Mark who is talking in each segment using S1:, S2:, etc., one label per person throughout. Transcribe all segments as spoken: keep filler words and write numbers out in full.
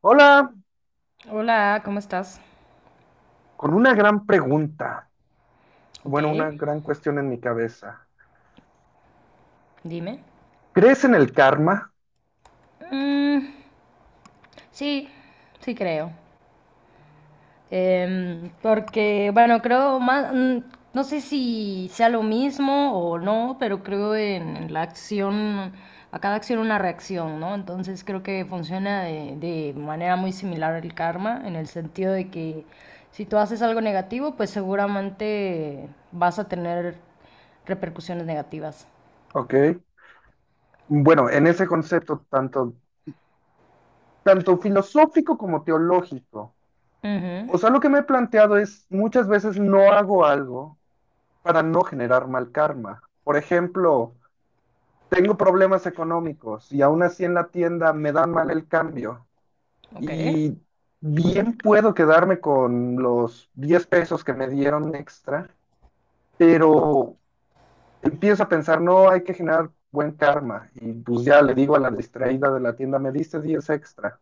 S1: Hola,
S2: Hola, ¿cómo estás?
S1: con una gran pregunta,
S2: Ok,
S1: bueno, una gran cuestión en mi cabeza.
S2: dime.
S1: ¿Crees en el karma?
S2: Mm, sí, sí creo. Em, porque, bueno, creo más, mm, no sé si sea lo mismo o no, pero creo en, en la acción, a cada acción una reacción, ¿no? Entonces creo que funciona de, de manera muy similar el karma, en el sentido de que si tú haces algo negativo, pues seguramente vas a tener repercusiones negativas.
S1: ¿Ok? Bueno, en ese concepto tanto, tanto filosófico como teológico.
S2: Ujú,
S1: O sea, lo que me he planteado es, muchas veces no hago algo para no generar mal karma. Por ejemplo, tengo problemas económicos y aún así en la tienda me dan mal el cambio.
S2: ok.
S1: Y bien puedo quedarme con los diez pesos que me dieron extra, pero empiezo a pensar, no, hay que generar buen karma. Y pues ya le digo a la distraída de la tienda, me diste diez extra.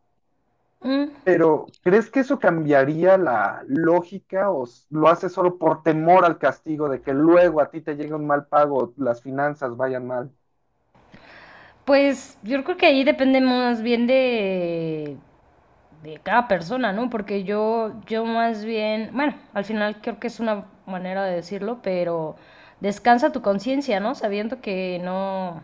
S2: Mm.
S1: Pero, ¿crees que eso cambiaría la lógica o s- lo haces solo por temor al castigo de que luego a ti te llegue un mal pago, las finanzas vayan mal?
S2: Pues yo creo que ahí depende más bien de, de cada persona, ¿no? Porque yo, yo más bien, bueno, al final creo que es una manera de decirlo, pero descansa tu conciencia, ¿no? Sabiendo que no,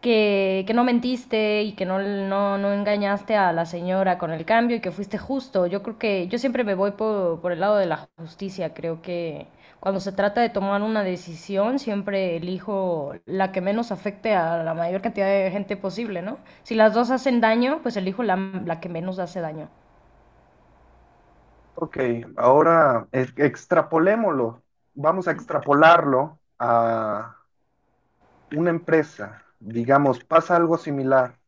S2: que, que no mentiste y que no, no, no engañaste a la señora con el cambio y que fuiste justo. Yo creo que yo siempre me voy por, por el lado de la justicia. Creo que cuando se trata de tomar una decisión, siempre elijo la que menos afecte a la mayor cantidad de gente posible, ¿no? Si las dos hacen daño, pues elijo la, la que menos hace daño.
S1: Ok, ahora e- extrapolémoslo. Vamos a extrapolarlo a una empresa. Digamos, pasa algo similar.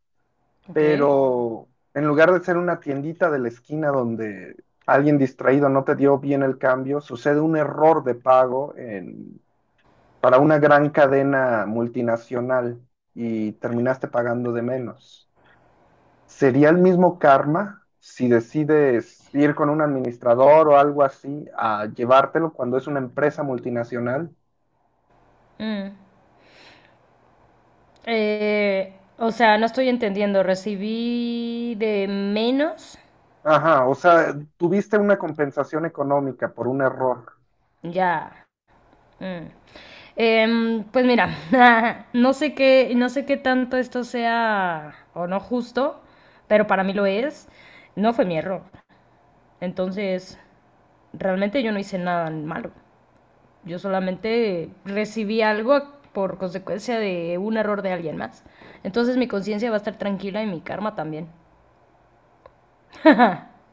S2: Ok.
S1: Pero en lugar de ser una tiendita de la esquina donde alguien distraído no te dio bien el cambio, sucede un error de pago en- para una gran cadena multinacional y terminaste pagando de menos. ¿Sería el mismo karma si decides ir con un administrador o algo así a llevártelo cuando es una empresa multinacional?
S2: Mm. Eh, o sea, no estoy entendiendo. Recibí de menos.
S1: Ajá, o sea, tuviste una compensación económica por un error.
S2: Ya. Mm. Em, pues mira, no sé qué, no sé qué tanto esto sea o no justo, pero para mí lo es. No fue mi error. Entonces, realmente yo no hice nada malo. Yo solamente recibí algo por consecuencia de un error de alguien más. Entonces mi conciencia va a estar tranquila y mi karma también.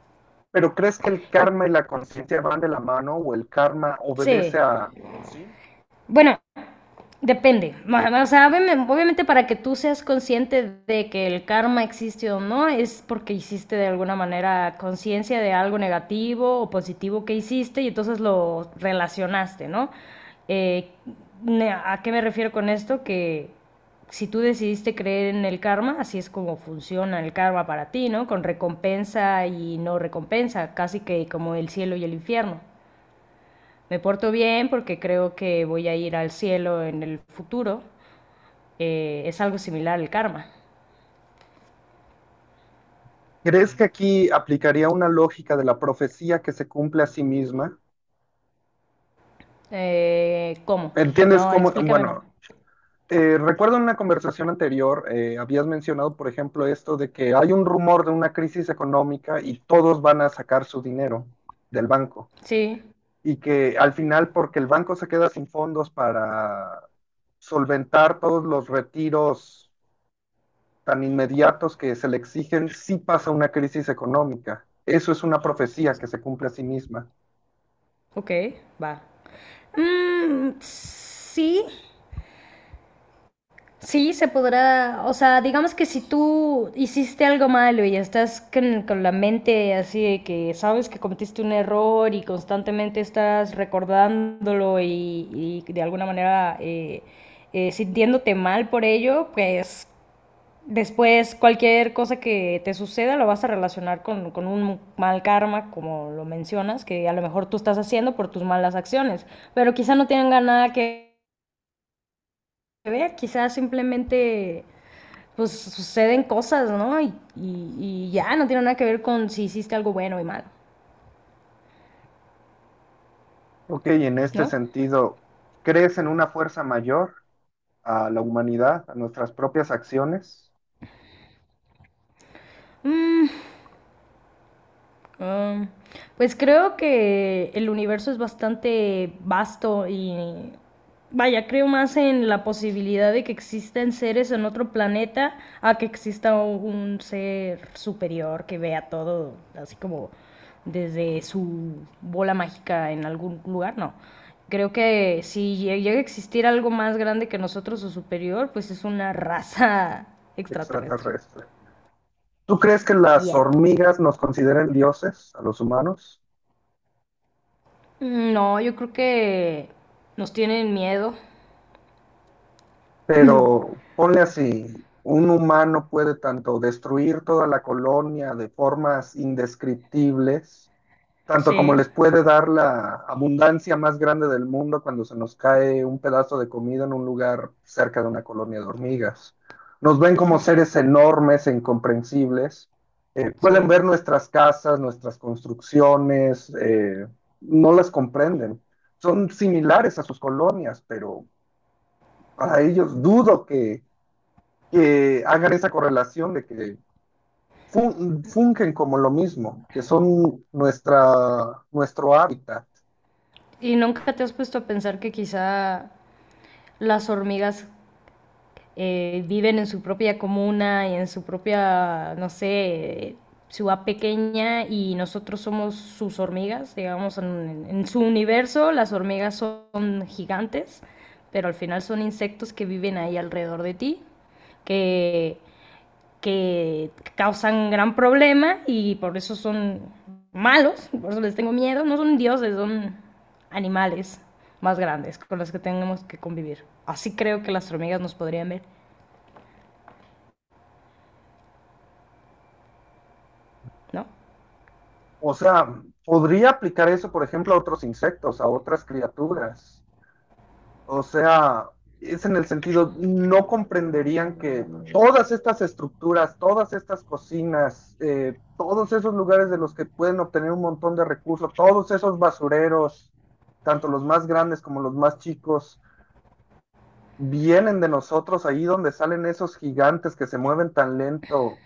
S1: Pero, ¿crees que el karma y la conciencia van de la mano o el karma obedece
S2: Sí.
S1: a... Sí.
S2: Bueno, depende. O sea, obvi- obviamente para que tú seas consciente de que el karma existe o no, es porque hiciste de alguna manera conciencia de algo negativo o positivo que hiciste y entonces lo relacionaste, ¿no? Eh, ne- ¿A qué me refiero con esto? Que si tú decidiste creer en el karma, así es como funciona el karma para ti, ¿no? Con recompensa y no recompensa, casi que como el cielo y el infierno. Me porto bien porque creo que voy a ir al cielo en el futuro. Eh, es algo similar al karma.
S1: ¿Crees que aquí aplicaría una lógica de la profecía que se cumple a sí misma?
S2: Eh, ¿cómo?
S1: ¿Entiendes
S2: No,
S1: cómo?
S2: explícame más.
S1: Bueno, eh, recuerdo en una conversación anterior, eh, habías mencionado, por ejemplo, esto de que hay un rumor de una crisis económica y todos van a sacar su dinero del banco
S2: Sí,
S1: y que al final, porque el banco se queda sin fondos para solventar todos los retiros tan inmediatos que se le exigen si pasa una crisis económica. Eso es una profecía que se cumple a sí misma.
S2: ok, va. Mm, sí, sí, se podrá, o sea, digamos que si tú hiciste algo malo y estás con, con la mente así de que sabes que cometiste un error y constantemente estás recordándolo y, y de alguna manera eh, eh, sintiéndote mal por ello, pues después, cualquier cosa que te suceda lo vas a relacionar con, con un mal karma, como lo mencionas, que a lo mejor tú estás haciendo por tus malas acciones, pero quizá no tengan nada que ver, quizá simplemente pues suceden cosas, ¿no? Y, y- y ya, no tiene nada que ver con si hiciste algo bueno y malo,
S1: Ok, en este
S2: ¿no?
S1: sentido, ¿crees en una fuerza mayor a la humanidad, a nuestras propias acciones
S2: Mm, Ah, pues creo que el universo es bastante vasto y vaya, creo más en la posibilidad de que existan seres en otro planeta a que exista un ser superior que vea todo así como desde su bola mágica en algún lugar, no. Creo que si lle- llega a existir algo más grande que nosotros o superior, pues es una raza extraterrestre.
S1: extraterrestres? ¿Tú crees que las
S2: Yeah.
S1: hormigas nos consideren dioses, a los humanos?
S2: Mm, no, yo creo que nos tienen miedo.
S1: Pero ponle así, un humano puede tanto destruir toda la colonia de formas indescriptibles, tanto como
S2: Sí,
S1: les puede dar la abundancia más grande del mundo cuando se nos cae un pedazo de comida en un lugar cerca de una colonia de hormigas. Nos ven como
S2: ok,
S1: seres enormes e incomprensibles. Eh, pueden
S2: sí.
S1: ver nuestras casas, nuestras construcciones. Eh, no las comprenden. Son similares a sus colonias, pero para ellos dudo que, que hagan esa correlación de que fun fungen como lo mismo, que son nuestra, nuestro hábitat.
S2: ¿Y nunca te has puesto a pensar que quizá las hormigas eh, viven en su propia comuna y en su propia, no sé, ciudad pequeña y nosotros somos sus hormigas? Digamos, en, en su universo las hormigas son gigantes, pero al final son insectos que viven ahí alrededor de ti que que causan gran problema y por eso son malos, por eso les tengo miedo, no son dioses, son animales más grandes con los que tenemos que convivir. Así creo que las hormigas nos podrían ver, ¿no?
S1: O sea, podría aplicar eso, por ejemplo, a otros insectos, a otras criaturas. O sea, es en el sentido, no comprenderían que todas estas estructuras, todas estas cocinas, eh, todos esos lugares de los que pueden obtener un montón de recursos, todos esos basureros, tanto los más grandes como los más chicos, vienen de nosotros, ahí donde salen esos gigantes que se mueven tan lento.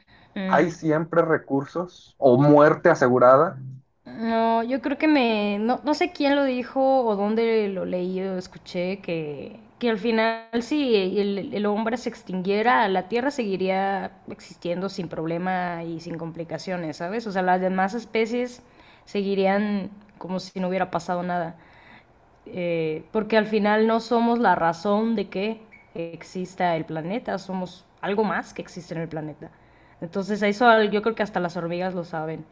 S1: ¿Hay
S2: Mm.
S1: siempre recursos o muerte asegurada?
S2: No, yo creo que me, no, no sé quién lo dijo o dónde lo leí o escuché, que, que al final si el, el hombre se extinguiera, la Tierra seguiría existiendo sin problema y sin complicaciones, ¿sabes? O sea, las demás especies seguirían como si no hubiera pasado nada. Eh, porque al final no somos la razón de que exista el planeta, somos algo más que existe en el planeta. Entonces eso al- yo creo que hasta las hormigas lo saben.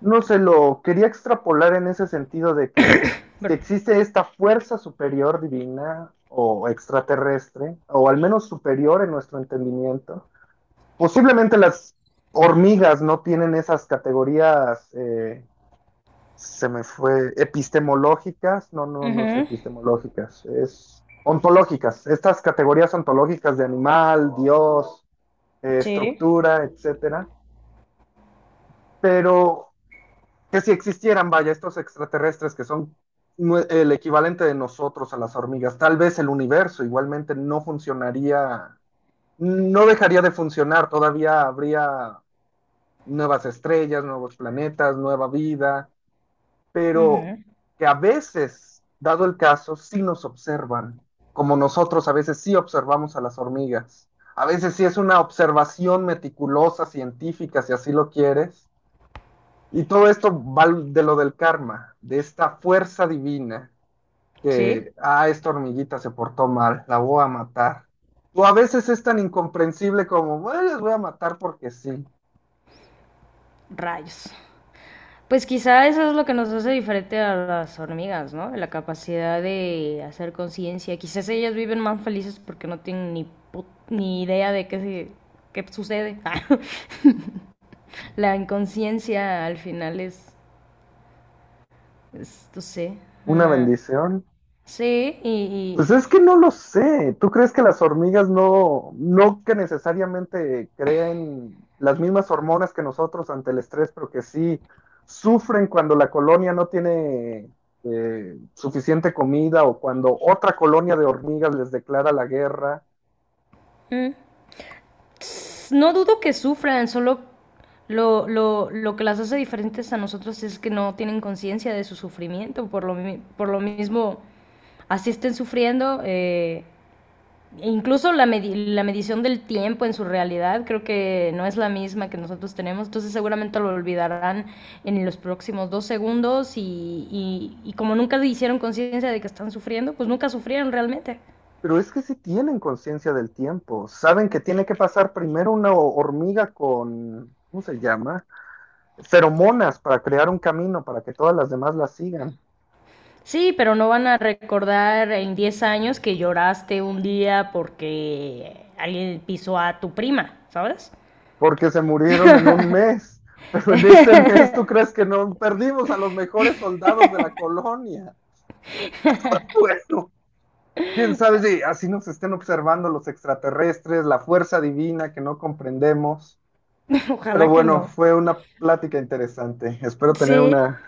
S1: No se lo quería extrapolar en ese sentido de que si
S2: Pero,
S1: existe esta fuerza superior divina o extraterrestre, o al menos superior en nuestro entendimiento, posiblemente las hormigas no tienen esas categorías, eh, se me fue, epistemológicas, no, no, no es
S2: ujú.
S1: epistemológicas, es ontológicas, estas categorías ontológicas de animal, Dios, eh,
S2: Sí,
S1: estructura, etcétera, pero que si existieran, vaya, estos extraterrestres que son el equivalente de nosotros a las hormigas, tal vez el universo igualmente no funcionaría, no dejaría de funcionar, todavía habría nuevas estrellas, nuevos planetas, nueva vida, pero
S2: ujú,
S1: que a veces, dado el caso, sí nos observan, como nosotros a veces sí observamos a las hormigas. A veces sí es una observación meticulosa, científica, si así lo quieres, y todo esto va de lo del karma, de esta fuerza divina
S2: sí,
S1: que, ah, esta hormiguita se portó mal, la voy a matar. O a veces es tan incomprensible como, bueno, les voy a matar porque sí.
S2: rayos. Pues quizá eso es lo que nos hace diferente a las hormigas, ¿no? La capacidad de hacer conciencia. Quizás ellas viven más felices porque no tienen ni, pu- ni idea de qué, se- qué sucede. La inconsciencia al final es, es, no sé,
S1: Una
S2: una...
S1: bendición.
S2: Sí, y,
S1: Pues es que no lo sé. ¿Tú crees que las hormigas no, no que necesariamente creen las mismas hormonas que nosotros ante el estrés, pero que sí sufren cuando la colonia no tiene eh, suficiente comida o cuando otra colonia de hormigas les declara la guerra?
S2: y- mm, no dudo que sufran, solo lo, lo, lo que las hace diferentes a nosotros es que no tienen conciencia de su sufrimiento, por lo, mi- por lo mismo, así estén sufriendo, eh, e incluso la, medi- la medición del tiempo en su realidad creo que no es la misma que nosotros tenemos, entonces seguramente lo olvidarán en los próximos dos segundos y, y, y como nunca hicieron conciencia de que están sufriendo, pues nunca sufrieron realmente.
S1: Pero es que sí tienen conciencia del tiempo. Saben que tiene que pasar primero una ho- hormiga con, ¿cómo se llama? Feromonas para crear un camino para que todas las demás la sigan.
S2: Sí, pero no van a recordar en diez años que lloraste un día porque alguien pisó a tu prima, ¿sabes?
S1: Porque se murieron en un mes. Pero en ese mes, ¿tú crees que no perdimos a los mejores soldados de la colonia? Bueno, quién sabe si así nos estén observando los extraterrestres, la fuerza divina que no comprendemos. Pero
S2: Ojalá que
S1: bueno,
S2: no.
S1: fue una plática interesante. Espero tener
S2: Sí,
S1: una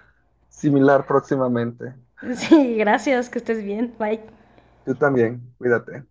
S1: similar próximamente.
S2: sí, gracias, que estés bien, bye.
S1: Tú también, cuídate.